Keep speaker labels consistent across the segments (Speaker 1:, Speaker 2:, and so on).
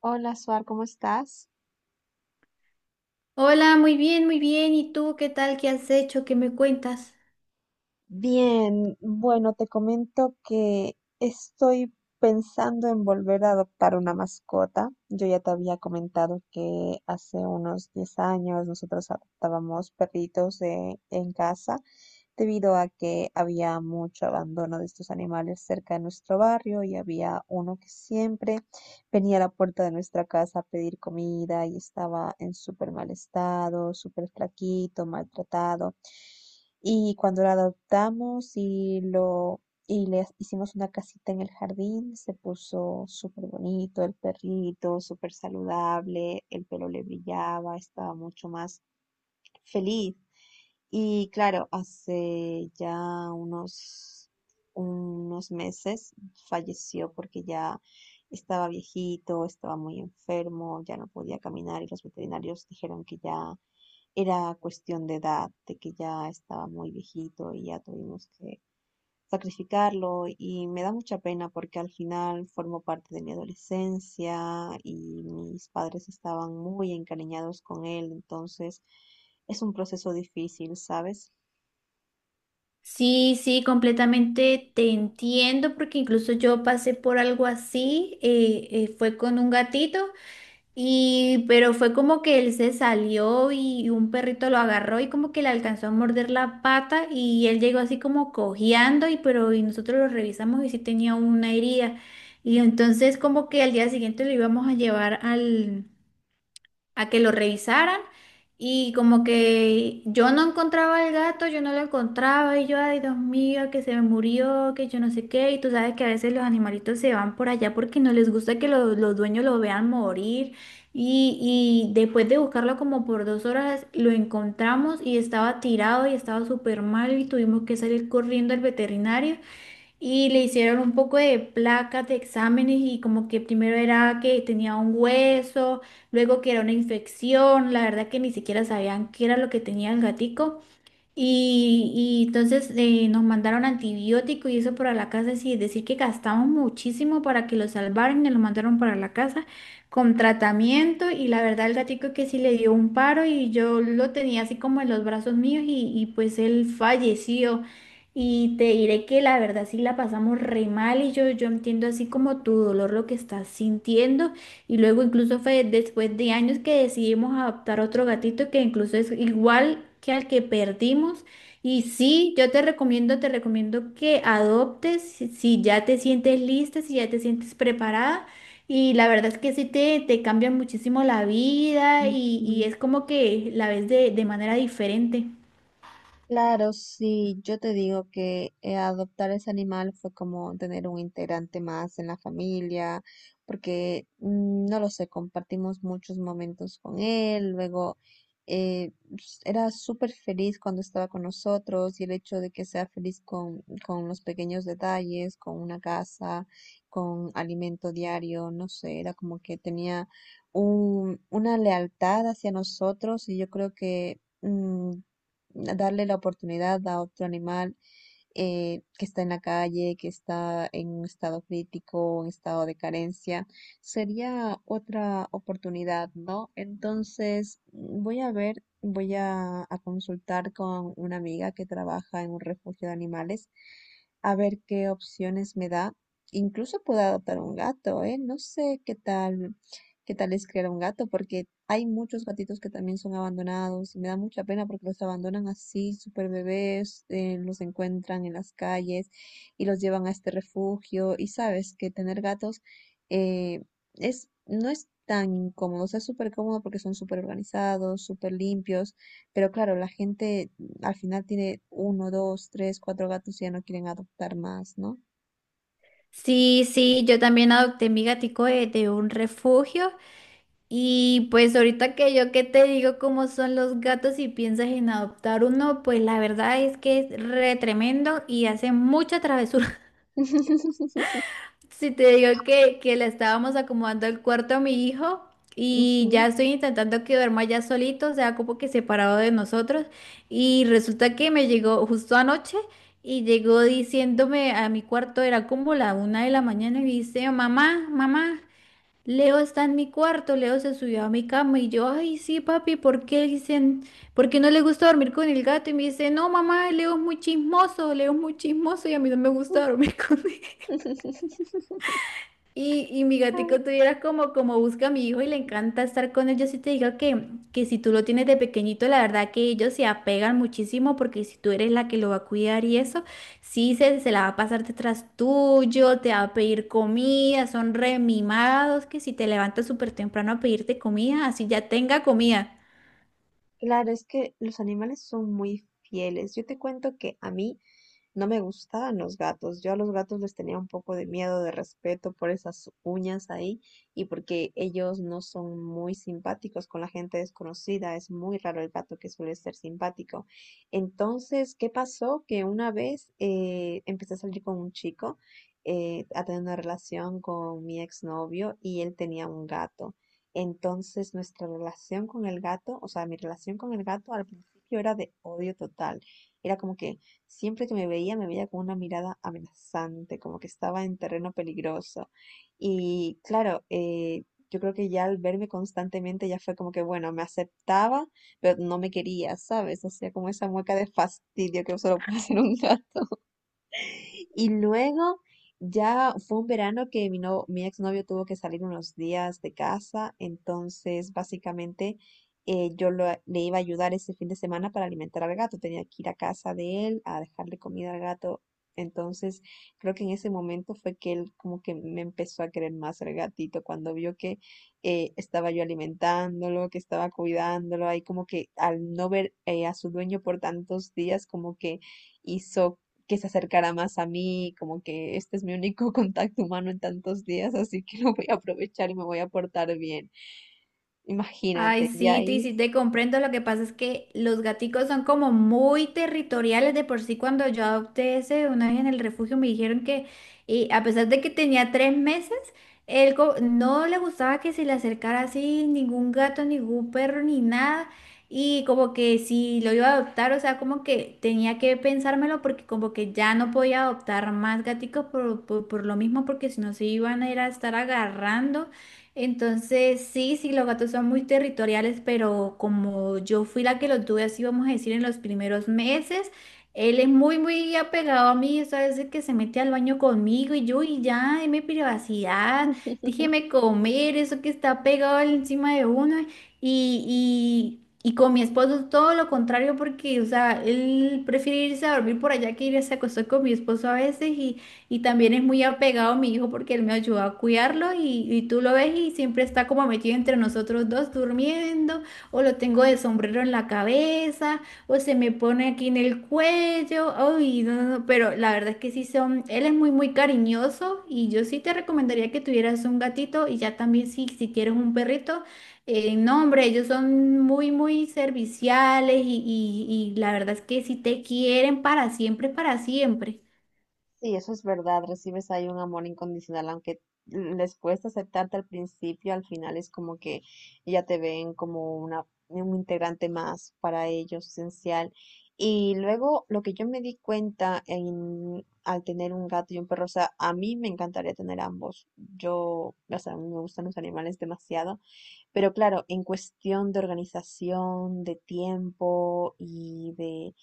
Speaker 1: Hola, Suar, ¿cómo estás?
Speaker 2: Hola, muy bien, muy bien. ¿Y tú qué tal? ¿Qué has hecho? ¿Qué me cuentas?
Speaker 1: Bien, bueno, te comento que estoy pensando en volver a adoptar una mascota. Yo ya te había comentado que hace unos 10 años nosotros adoptábamos perritos en casa debido a que había mucho abandono de estos animales cerca de nuestro barrio y había uno que siempre venía a la puerta de nuestra casa a pedir comida y estaba en súper mal estado, súper flaquito, maltratado. Y cuando lo adoptamos y le hicimos una casita en el jardín, se puso súper bonito el perrito, súper saludable, el pelo le brillaba, estaba mucho más feliz. Y claro, hace ya unos meses falleció porque ya estaba viejito, estaba muy enfermo, ya no podía caminar y los veterinarios dijeron que ya era cuestión de edad, de que ya estaba muy viejito y ya tuvimos que sacrificarlo y me da mucha pena porque al final formó parte de mi adolescencia y mis padres estaban muy encariñados con él, entonces es un proceso difícil, ¿sabes?
Speaker 2: Sí, sí, completamente te entiendo porque incluso yo pasé por algo así, fue con un gatito y pero fue como que él se salió y un perrito lo agarró y como que le alcanzó a morder la pata y él llegó así como cojeando y pero y nosotros lo revisamos y sí tenía una herida y
Speaker 1: Ujú,
Speaker 2: entonces como que al día siguiente lo íbamos a llevar al a que lo revisaran y como que yo no encontraba el gato, yo no lo encontraba y yo, ay Dios mío, que se me murió, que yo no sé qué, y tú sabes que a veces los animalitos se van por allá porque no les gusta que los dueños lo vean morir y después de buscarlo como por 2 horas lo encontramos y estaba tirado y estaba súper mal y tuvimos que salir corriendo al veterinario y le hicieron un poco de placas de exámenes y como que primero era que tenía un hueso, luego que era una infección, la verdad que ni siquiera sabían qué era lo que tenía el gatico. Y entonces nos mandaron antibiótico y eso para la casa, sí, es decir que gastamos muchísimo para que lo salvaran y lo mandaron para la casa con tratamiento y la verdad el gatico que sí le dio un paro y yo lo tenía así como en los brazos míos y pues él falleció y te diré que la verdad sí la pasamos re mal yo entiendo así como tu dolor lo que estás sintiendo. Y luego incluso fue después de años que decidimos adoptar otro gatito que incluso es igual que al que perdimos. Y sí, yo te recomiendo que adoptes si ya te sientes lista, si ya te sientes preparada. Y la verdad es que sí te cambia muchísimo la vida y
Speaker 1: ujú.
Speaker 2: es como que la ves de manera diferente.
Speaker 1: Claro, sí, yo te digo que adoptar ese animal fue como tener un integrante más en la familia, porque no lo sé, compartimos muchos momentos con él. Luego eh, era súper feliz cuando estaba con nosotros, y el hecho de que sea feliz con los pequeños detalles, con una casa, con alimento diario, no sé, era como que tenía una lealtad hacia nosotros. Y yo creo que darle la oportunidad a otro animal que está en la calle, que está en un estado crítico, un estado de carencia, sería otra oportunidad, ¿no? Entonces, voy a ver, voy a consultar con una amiga que trabaja en un refugio de animales, a ver qué opciones me da. Incluso puedo adoptar un gato, ¿eh? No sé qué tal es criar a un gato, porque hay muchos gatitos que también son abandonados y me da mucha pena porque los abandonan así, súper bebés. Los encuentran en las calles y los llevan a este refugio. Y sabes que tener gatos eh, no es tan incómodo, o sea, es súper cómodo porque son súper organizados, súper limpios, pero claro, la gente al final tiene uno, dos, tres, cuatro gatos y ya no quieren adoptar más, ¿no?
Speaker 2: Sí, sí, yo también adopté mi gatico de un refugio. Y pues ahorita que yo que te digo cómo son los gatos y piensas en adoptar uno, pues la verdad es que es re tremendo y hace mucha travesura. Si te digo que le estábamos acomodando el cuarto a mi hijo y
Speaker 1: Ujú.
Speaker 2: ya estoy intentando que duerma ya solito, o sea, como que separado de nosotros. Y resulta que me llegó justo anoche y llegó diciéndome a mi cuarto, era como la 1 de la mañana y dice, mamá, mamá. Leo está en mi cuarto, Leo se subió a mi cama y yo, ay, sí, papi, ¿por qué dicen, por qué no le gusta dormir con el gato? Y me dice, no, mamá, Leo es muy chismoso, Leo es muy chismoso y a mí no me gusta dormir con él. Y mi gatico tuviera como, como busca a mi hijo y le encanta estar con él. Yo sí te digo que si tú lo tienes de pequeñito, la verdad que ellos se apegan muchísimo porque si tú eres la que lo va a cuidar y eso, sí se la va a pasar detrás tuyo, te va a pedir comida, son re mimados que si te levantas súper temprano a pedirte comida, así ya tenga comida.
Speaker 1: Claro, es que los animales son muy fieles. Yo te cuento que a mí no me gustaban los gatos. Yo a los gatos les tenía un poco de miedo, de respeto por esas uñas ahí, y porque ellos no son muy simpáticos con la gente desconocida. Es muy raro el gato que suele ser simpático. Entonces, ¿qué pasó? Que una vez empecé a salir con un chico, a tener una relación con mi exnovio, y él tenía un gato. Entonces, nuestra relación con el gato, o sea, mi relación con el gato al principio era de odio total. Era como que siempre que me veía con una mirada amenazante, como que estaba en terreno peligroso. Y claro, yo creo que ya al verme constantemente ya fue como que, bueno, me aceptaba, pero no me quería, ¿sabes? O sea, como esa mueca de fastidio que solo puede hacer un gato. Y luego ya fue un verano que mi, no- mi exnovio tuvo que salir unos días de casa, entonces básicamente yo le iba a ayudar ese fin de semana para alimentar al gato, tenía que ir a casa de él a dejarle comida al gato. Entonces creo que en ese momento fue que él como que me empezó a querer más, el gatito, cuando vio que estaba yo alimentándolo, que estaba cuidándolo. Ahí como que al no ver a su dueño por tantos días, como que hizo que se acercara más a mí, como que este es mi único contacto humano en tantos días, así que lo voy a aprovechar y me voy a portar bien.
Speaker 2: Ay,
Speaker 1: Imagínate. Y ahí
Speaker 2: sí, te comprendo. Lo que pasa es que los gaticos son como muy territoriales. De por sí, cuando yo adopté ese una vez en el refugio, me dijeron que, y a pesar de que tenía 3 meses, no le gustaba que se le acercara así ningún gato, ningún perro, ni nada. Y como que si lo iba a adoptar, o sea, como que tenía que pensármelo porque como que ya no podía adoptar más gaticos por lo mismo, porque si no se iban a ir a estar agarrando. Entonces, sí, sí, los gatos son muy territoriales, pero como yo fui la que lo tuve, así vamos a decir, en los primeros meses, él es muy, muy apegado a mí, eso a veces que se mete al baño conmigo y yo, y ya, deme privacidad, déjeme comer, eso que está pegado encima de uno, y con mi esposo es todo lo contrario, porque, o sea, él prefiere irse a dormir por allá que irse a acostar con mi esposo a veces, y también es muy apegado a mi hijo porque él me ayuda a cuidarlo y tú lo ves y siempre está como metido entre nosotros dos durmiendo o lo tengo de sombrero en la cabeza o se me pone aquí en el cuello. Ay, no, no, no, pero la verdad es que sí son, él es muy, muy cariñoso y yo sí te recomendaría que tuvieras un gatito y ya también si, si quieres un perrito. No, hombre, ellos son muy, muy serviciales y la verdad es que sí te quieren para siempre, para siempre.
Speaker 1: sí, eso es verdad, recibes ahí un amor incondicional, aunque les cuesta aceptarte al principio, al final es como que ya te ven como una, un integrante más para ellos, esencial. Y luego lo que yo me di cuenta en, al tener un gato y un perro, o sea, a mí me encantaría tener ambos. Yo, o sea, a mí me gustan los animales demasiado, pero claro, en cuestión de organización, de tiempo y de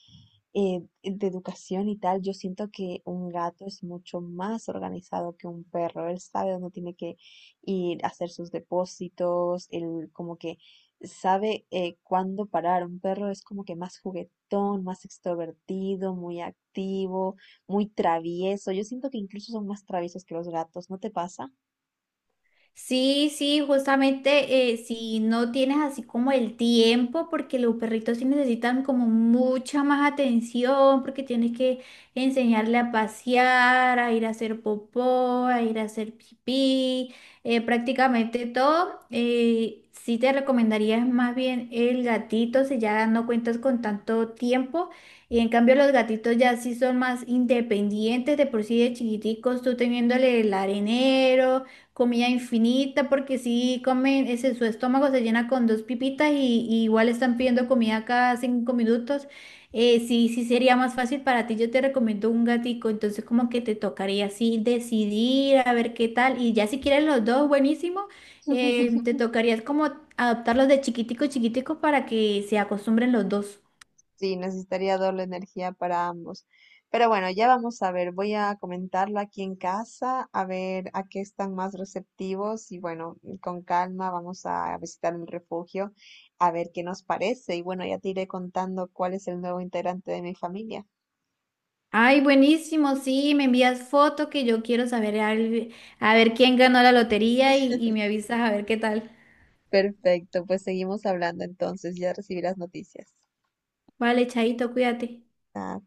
Speaker 1: eh, de educación y tal, yo siento que un gato es mucho más organizado que un perro. Él sabe dónde tiene que ir a hacer sus depósitos, él como que sabe cuándo parar. Un perro es como que más juguetón, más extrovertido, muy activo, muy travieso. Yo siento que incluso son más traviesos que los gatos, ¿no te pasa?
Speaker 2: Sí, sí, justamente si no tienes así como el tiempo, porque los perritos sí necesitan como mucha más atención, porque tienes que enseñarle a pasear, a ir a hacer popó, a ir a hacer pipí, prácticamente todo. Sí te recomendarías más bien el gatito si ya no cuentas con tanto tiempo. Y en cambio los gatitos ya sí son más independientes, de por sí de chiquiticos, tú teniéndole el arenero. Comida infinita, porque si comen, ese, su estómago se llena con dos pipitas y igual están pidiendo comida cada 5 minutos. Sí, sí sería más fácil para ti. Yo te recomiendo un gatico, entonces como que te tocaría así decidir a ver qué tal. Y ya si quieren los dos, buenísimo. Te tocaría como adoptarlos de chiquitico, chiquitico para que se acostumbren los dos.
Speaker 1: Sí, necesitaría doble energía para ambos. Pero bueno, ya vamos a ver. Voy a comentarlo aquí en casa, a ver a qué están más receptivos y bueno, con calma vamos a visitar el refugio, a ver qué nos parece. Y bueno, ya te iré contando cuál es el nuevo integrante de mi familia.
Speaker 2: Ay, buenísimo, sí, me envías foto que yo quiero saber al- a ver quién ganó la lotería y me avisas a ver qué tal.
Speaker 1: Perfecto, pues seguimos hablando entonces, ya recibirás noticias.
Speaker 2: Vale, Chaito, cuídate.
Speaker 1: Ah,